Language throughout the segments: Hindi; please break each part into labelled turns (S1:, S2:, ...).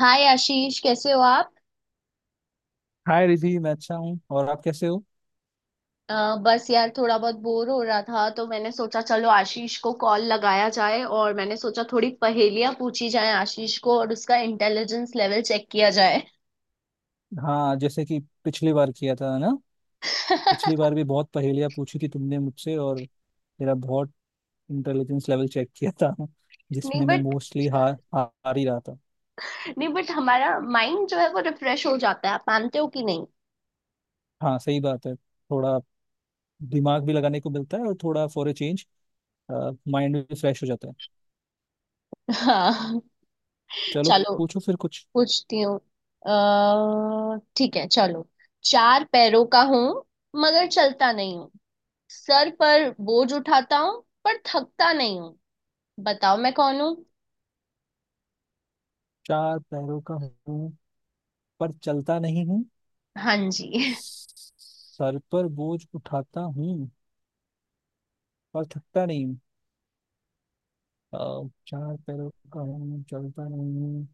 S1: हाय आशीष कैसे हो आप।
S2: हाय रिधि, मैं अच्छा हूँ। और आप कैसे हो?
S1: बस यार थोड़ा बहुत बोर हो रहा था तो मैंने सोचा चलो आशीष को कॉल लगाया जाए और मैंने सोचा थोड़ी पहेलियां पूछी जाए आशीष को और उसका इंटेलिजेंस लेवल चेक किया जाए।
S2: हाँ, जैसे कि पिछली बार किया था ना। पिछली
S1: नहीं
S2: बार भी बहुत पहेलियाँ पूछी थी तुमने मुझसे और मेरा बहुत इंटेलिजेंस लेवल चेक किया था। जिसमें मैं
S1: बट
S2: मोस्टली हार हार ही रहा था।
S1: हमारा माइंड जो है वो रिफ्रेश हो जाता है, आप मानते हो कि नहीं।
S2: हाँ सही बात है, थोड़ा दिमाग भी लगाने को मिलता है और थोड़ा फॉर ए चेंज माइंड भी फ्रेश हो जाता है।
S1: हाँ
S2: चलो,
S1: चलो
S2: पूछो फिर कुछ।
S1: पूछती हूँ। ठीक है चलो। चार पैरों का हूँ मगर चलता नहीं हूँ। सर पर बोझ उठाता हूँ पर थकता नहीं हूँ। बताओ मैं कौन हूँ।
S2: चार पैरों का हूँ, पर चलता नहीं हूँ।
S1: हाँ जी।
S2: सर पर बोझ उठाता हूँ, पर थकता नहीं। चार पैरों का हूँ, चलता नहीं हूँ।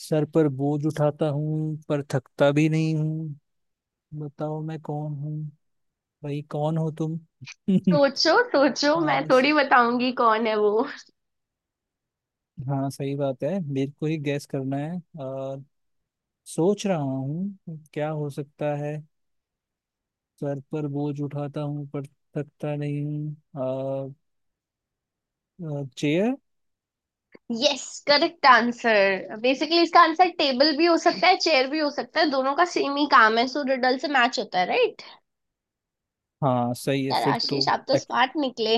S2: सर पर बोझ उठाता हूँ, पर थकता भी नहीं हूँ। बताओ मैं कौन हूँ? भाई, कौन हो तुम?
S1: सोचो सोचो,
S2: हाँ
S1: मैं थोड़ी बताऊंगी कौन है वो।
S2: हाँ, सही बात है, मेरे को ही गैस करना है। और सोच रहा हूँ क्या हो सकता है। सर पर बोझ उठाता हूँ पर थकता नहीं हूँ। Chair.
S1: Yes, correct answer. Basically इसका आंसर टेबल भी हो सकता है, चेयर भी हो सकता है। दोनों का सेम ही काम है सो रिडल से मैच होता है, राइट।
S2: हाँ सही है
S1: यार
S2: फिर तो।
S1: आशीष आप तो स्मार्ट निकले।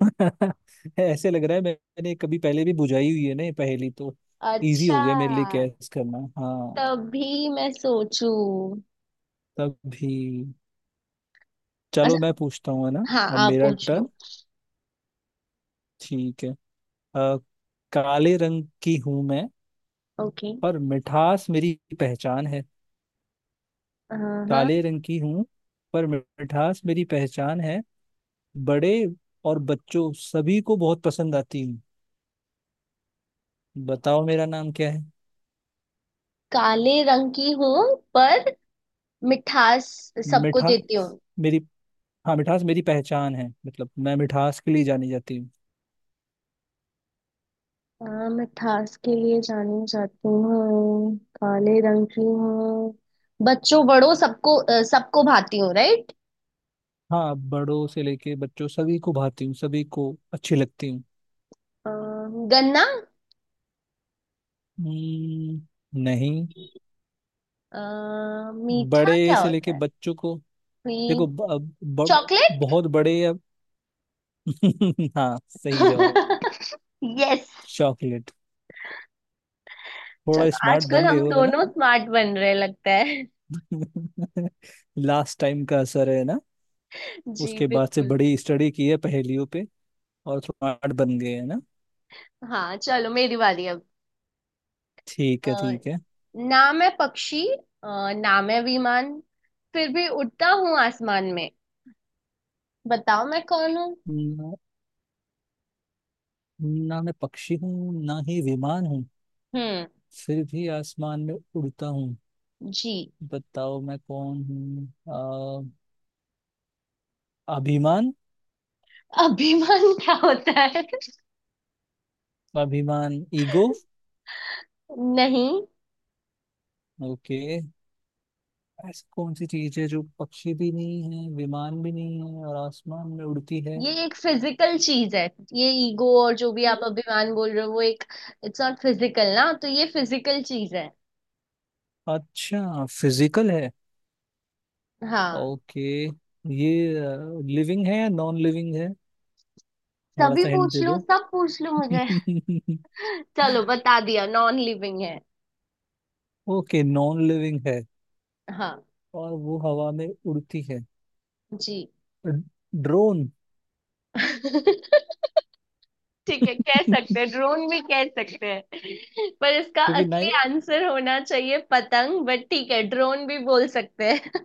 S2: ऐसे लग रहा है मैंने कभी पहले भी बुझाई हुई है ना ये पहेली, तो इजी हो
S1: अच्छा,
S2: गया मेरे लिए कैच करना। हाँ,
S1: तभी मैं सोचू।
S2: तभी। चलो मैं
S1: अच्छा,
S2: पूछता हूँ, है ना।
S1: हाँ
S2: अब
S1: आप
S2: मेरा
S1: पूछ
S2: टर्न।
S1: लो।
S2: ठीक है। अ, काले रंग की हूं मैं,
S1: ओके।
S2: पर मिठास मेरी पहचान है।
S1: हाँ
S2: काले रंग की हूं, पर मिठास मेरी पहचान है। बड़े और बच्चों सभी को बहुत पसंद आती हूँ। बताओ मेरा नाम क्या है?
S1: काले रंग की हूँ, पर मिठास सबको देती हूँ।
S2: मिठास मेरी, हाँ मिठास मेरी पहचान है, मतलब मैं मिठास के लिए जानी जाती हूँ।
S1: हाँ मैं थास के लिए जानी जाती हूँ, काले रंग की हूँ, बच्चों बड़ों सबको सबको भाती हूँ, राइट।
S2: हाँ बड़ों से लेके बच्चों सभी को भाती हूँ, सभी को अच्छी लगती हूँ।
S1: गन्ना।
S2: हम्म, नहीं।
S1: मीठा
S2: बड़े
S1: क्या
S2: से
S1: होता
S2: लेके
S1: है।
S2: बच्चों को देखो।
S1: स्वीट।
S2: ब, ब,
S1: चॉकलेट।
S2: बहुत बड़े या हाँ सही जवाब,
S1: यस।
S2: चॉकलेट। थोड़ा
S1: चलो
S2: स्मार्ट
S1: आजकल
S2: बन गए
S1: हम
S2: होगा ना।
S1: दोनों स्मार्ट बन रहे लगता है।
S2: लास्ट टाइम का असर है ना।
S1: जी
S2: उसके बाद से
S1: बिल्कुल।
S2: बड़ी स्टडी की है पहेलियों पे और स्मार्ट बन गए है ना।
S1: हाँ चलो मेरी बारी अब।
S2: ठीक है,
S1: अ,
S2: ठीक है।
S1: नाम है पक्षी, अ, नाम है विमान, फिर भी उड़ता हूँ आसमान में। बताओ मैं कौन हूँ।
S2: ना, ना मैं पक्षी हूँ ना ही विमान हूँ,
S1: हम्म।
S2: फिर भी आसमान में उड़ता हूँ।
S1: जी।
S2: बताओ मैं कौन हूँ? अभिमान।
S1: अभिमान क्या होता है।
S2: अभिमान, ईगो।
S1: नहीं,
S2: ओके। ऐसी कौन सी चीज है जो पक्षी भी नहीं है, विमान भी नहीं है और आसमान में उड़ती है?
S1: ये एक फिजिकल चीज है। ये ईगो और जो भी आप अभिमान बोल रहे हो वो एक, इट्स नॉट फिजिकल, ना तो ये फिजिकल चीज है।
S2: अच्छा फिजिकल है।
S1: हाँ।
S2: ओके। ये लिविंग है या नॉन लिविंग है? थोड़ा
S1: सभी
S2: सा हिंट
S1: पूछ
S2: दे
S1: लो,
S2: दो।
S1: सब पूछ लो मुझे। चलो बता दिया, नॉन लिविंग है।
S2: ओके, नॉन लिविंग है
S1: हाँ
S2: और वो हवा में उड़ती है।
S1: जी।
S2: ड्रोन।
S1: ठीक है, कह सकते हैं, ड्रोन भी कह सकते हैं, पर इसका
S2: क्योंकि
S1: असली
S2: नहीं,
S1: आंसर होना चाहिए पतंग, बट ठीक है ड्रोन भी बोल सकते हैं।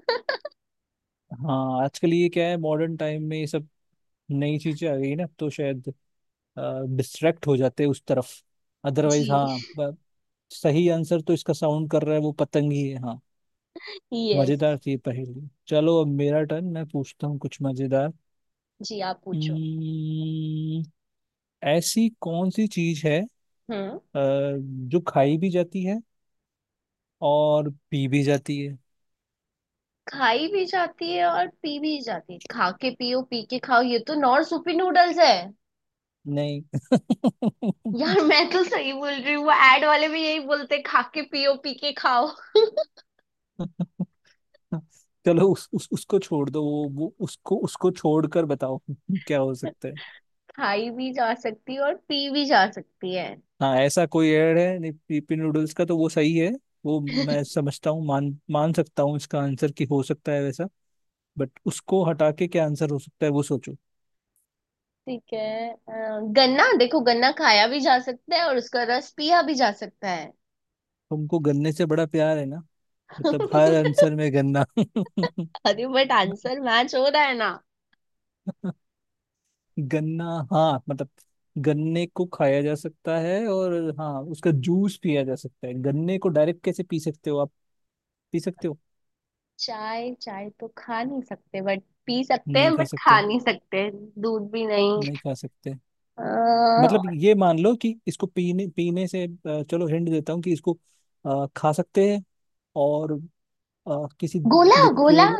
S2: हाँ आजकल ये क्या है, मॉडर्न टाइम में ये सब नई चीजें आ गई ना, तो शायद डिस्ट्रैक्ट हो जाते उस तरफ। अदरवाइज
S1: जी।
S2: हाँ सही आंसर तो इसका साउंड कर रहा है, वो पतंग ही है, हाँ।
S1: यस।
S2: मजेदार थी ये पहेली। चलो अब मेरा टर्न, मैं पूछता हूँ कुछ मजेदार।
S1: जी आप पूछो।
S2: Hmm, ऐसी कौन सी चीज है, अ,
S1: हम्म।
S2: जो खाई भी जाती है और पी भी जाती है?
S1: खाई भी जाती है और पी भी जाती है, खा के पियो पी के खाओ, ये तो नॉर्थ सूपी नूडल्स है।
S2: नहीं।
S1: यार मैं तो सही बोल रही हूँ, वो एड वाले भी यही बोलते हैं, खा के पियो पी के खाओ।
S2: चलो उस उसको छोड़ दो, वो उसको उसको छोड़कर बताओ। क्या हो सकता है?
S1: खाई भी जा सकती है और पी भी जा सकती है।
S2: हाँ ऐसा कोई एड है नहीं पीपी नूडल्स का, तो वो सही है। वो मैं समझता हूँ, मान मान सकता हूँ इसका आंसर कि हो सकता है वैसा, बट उसको हटा के क्या आंसर हो सकता है वो सोचो।
S1: ठीक है, गन्ना देखो, गन्ना खाया भी जा सकता है और उसका रस पिया भी जा सकता है।
S2: तुमको गन्ने से बड़ा प्यार है ना। मतलब हर आंसर में गन्ना।
S1: अरे बट आंसर मैच हो रहा है ना।
S2: गन्ना, हाँ मतलब गन्ने को खाया जा सकता है और हाँ उसका जूस पिया जा सकता है। गन्ने को डायरेक्ट कैसे पी सकते हो आप? पी सकते हो?
S1: चाय, चाय तो खा नहीं सकते बट पी सकते
S2: नहीं
S1: हैं,
S2: खा
S1: बट
S2: सकते।
S1: खा नहीं सकते। दूध भी नहीं।
S2: नहीं खा सकते।
S1: अ,
S2: मतलब ये मान लो कि इसको पीने पीने से, चलो हिंट देता हूँ कि इसको खा सकते हैं और किसी
S1: गोला गोला।
S2: लिक्विड।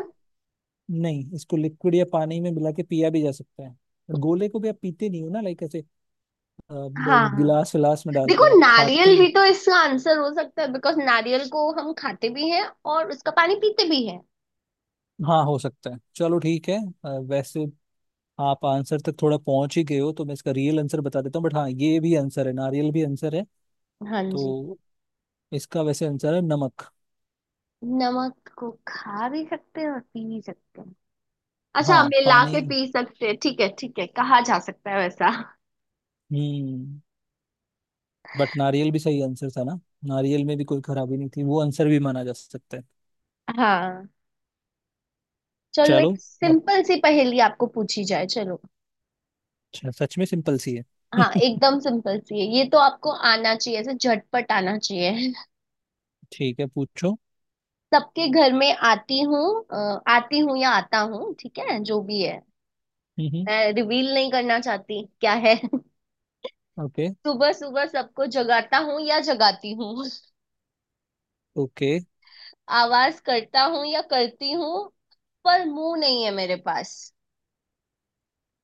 S2: नहीं, इसको लिक्विड या पानी में मिला के पिया भी जा सकता है। गोले को भी आप पीते नहीं हो ना, लाइक ऐसे।
S1: हाँ हाँ।
S2: गिलास विलास में डाल
S1: देखो
S2: के आप खाते
S1: नारियल
S2: ही।
S1: भी तो इसका आंसर हो सकता है, बिकॉज नारियल को हम खाते भी हैं और उसका पानी पीते भी हैं।
S2: हाँ हो सकता है, चलो ठीक है। वैसे आप आंसर तक थोड़ा पहुंच ही गए हो, तो मैं इसका रियल आंसर बता देता हूँ, बट हाँ ये भी आंसर है, नारियल भी आंसर है।
S1: हाँ जी।
S2: तो इसका वैसे आंसर है नमक।
S1: नमक को खा भी सकते हैं और पी भी सकते हैं। अच्छा,
S2: हाँ
S1: हम मिला
S2: पानी।
S1: के पी सकते हैं, ठीक है ठीक है, कहा जा सकता है वैसा।
S2: हम्म, बट नारियल भी सही आंसर था ना। नारियल में भी कोई खराबी नहीं थी, वो आंसर भी माना जा सकता है।
S1: हाँ चलो एक
S2: चलो। अब
S1: सिंपल सी पहेली आपको पूछी जाए, चलो।
S2: सच में सिंपल सी है।
S1: हाँ एकदम सिंपल सी है, ये तो आपको आना चाहिए, ऐसे झटपट आना चाहिए।
S2: ठीक है, पूछो।
S1: सबके घर में आती हूँ, आती हूँ या आता हूँ, ठीक है जो भी है,
S2: हम्म।
S1: मैं रिवील नहीं करना चाहती क्या है।
S2: ओके।
S1: सुबह सुबह सबको जगाता हूँ या जगाती हूँ,
S2: ओके।
S1: आवाज करता हूँ या करती हूँ, पर मुंह नहीं है मेरे पास।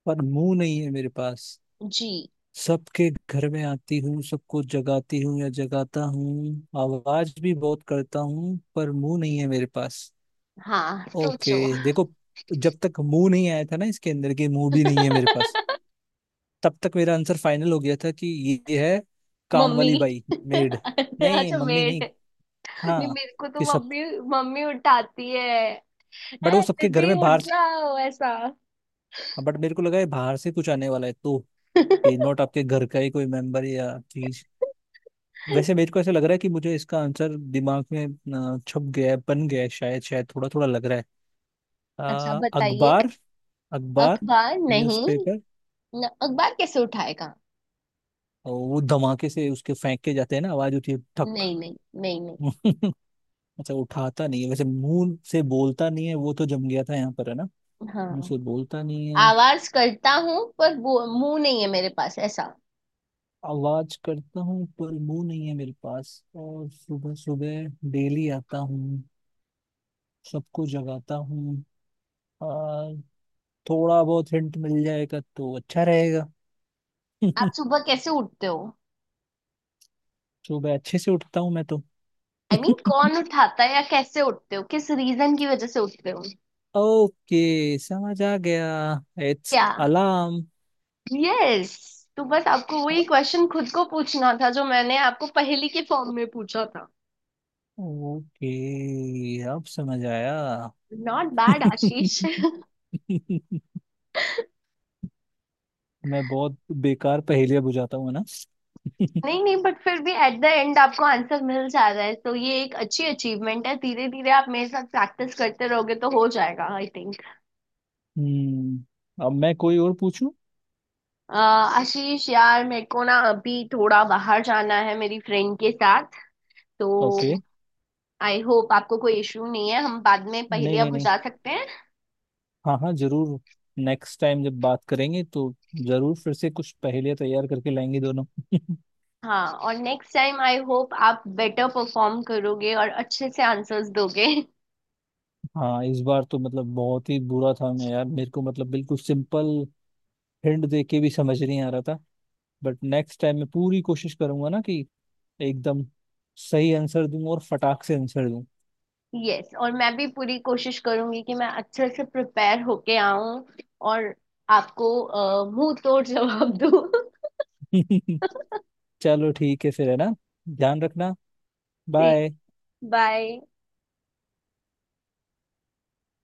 S2: पर मुंह नहीं है मेरे पास।
S1: जी।
S2: सबके घर में आती हूँ, सबको जगाती हूँ या जगाता हूँ, आवाज भी बहुत करता हूँ पर मुंह नहीं है मेरे पास।
S1: हाँ
S2: ओके।
S1: सोचो।
S2: देखो, जब तक मुंह नहीं आया था ना इसके अंदर के, मुंह भी नहीं है मेरे पास, तब तक मेरा आंसर फाइनल हो गया था कि ये है, काम
S1: मम्मी।
S2: वाली बाई, मेड। नहीं
S1: अच्छा
S2: मम्मी
S1: मेड।
S2: नहीं,
S1: नहीं
S2: हाँ
S1: मेरे को तो
S2: कि सब,
S1: मम्मी, मम्मी उठाती है,
S2: बट वो
S1: "ए,
S2: सबके घर
S1: दीदी
S2: में बाहर,
S1: उठ जाओ" ऐसा।
S2: बट मेरे को लगा है बाहर से कुछ आने वाला है, तो ये नॉट आपके घर का ही कोई मेंबर या चीज। वैसे मेरे को ऐसा लग रहा है कि मुझे इसका आंसर दिमाग में छप गया है, बन गया है शायद, शायद थोड़ा थोड़ा लग रहा है।
S1: अच्छा बताइए।
S2: अखबार। अखबार,
S1: अखबार नहीं,
S2: न्यूज़पेपर।
S1: न, अखबार कैसे उठाएगा।
S2: और वो धमाके से उसके फेंक के जाते हैं ना, आवाज होती है,
S1: नहीं नहीं। नहीं नहीं।
S2: ठक। अच्छा उठाता नहीं है, वैसे मुंह से बोलता नहीं है। वो तो जम गया था यहाँ पर, है ना। मुंह
S1: हाँ
S2: से बोलता नहीं है।
S1: आवाज करता हूँ पर वो, मुंह नहीं है मेरे पास, ऐसा।
S2: आवाज करता हूँ पर मुंह नहीं है मेरे पास, और सुबह सुबह डेली आता हूँ, सबको जगाता हूँ, और थोड़ा बहुत हिंट मिल जाएगा तो अच्छा रहेगा।
S1: आप सुबह कैसे उठते हो।
S2: सुबह अच्छे से उठता हूँ मैं तो।
S1: आई I मीन mean, कौन उठाता है या कैसे उठते हो, किस रीजन की वजह से उठते हो।
S2: ओके समझ आ गया। इट्स
S1: क्या।
S2: अलार्म।
S1: Yes yes. तो बस आपको वही क्वेश्चन खुद को पूछना था जो मैंने आपको पहेली के फॉर्म में पूछा था।
S2: ओके, अब समझ आया।
S1: नॉट बैड आशीष।
S2: मैं बहुत बेकार पहेलियां बुझाता हूँ है ना।
S1: नहीं नहीं बट फिर भी एट द एंड आपको आंसर मिल जा रहा है, तो ये एक अच्छी अचीवमेंट है। धीरे धीरे आप मेरे साथ प्रैक्टिस करते रहोगे तो हो जाएगा आई थिंक।
S2: हम्म। अब मैं कोई और पूछूं?
S1: आशीष यार, मेरे को ना अभी थोड़ा बाहर जाना है मेरी फ्रेंड के साथ, तो
S2: ओके।
S1: आई होप आपको कोई इशू नहीं है, हम बाद में पहले
S2: नहीं नहीं
S1: अब
S2: नहीं,
S1: जा सकते हैं।
S2: हाँ हाँ जरूर। नेक्स्ट टाइम जब बात करेंगे तो जरूर फिर से कुछ पहेलियां तैयार करके लाएंगे दोनों।
S1: हाँ और नेक्स्ट टाइम आई होप आप बेटर परफॉर्म करोगे और अच्छे से आंसर्स दोगे।
S2: हाँ इस बार तो मतलब बहुत ही बुरा था मैं यार, मेरे को मतलब बिल्कुल सिंपल हिंट दे के भी समझ नहीं आ रहा था। बट नेक्स्ट टाइम मैं पूरी कोशिश करूंगा ना कि एकदम सही आंसर दूं और फटाक से आंसर दूं।
S1: यस और मैं भी पूरी कोशिश करूंगी कि मैं अच्छे से प्रिपेयर होके आऊं और आपको मुंह तोड़ जवाब दूं।
S2: चलो ठीक है फिर, है ना। ध्यान रखना।
S1: ठीक।
S2: बाय।
S1: बाय।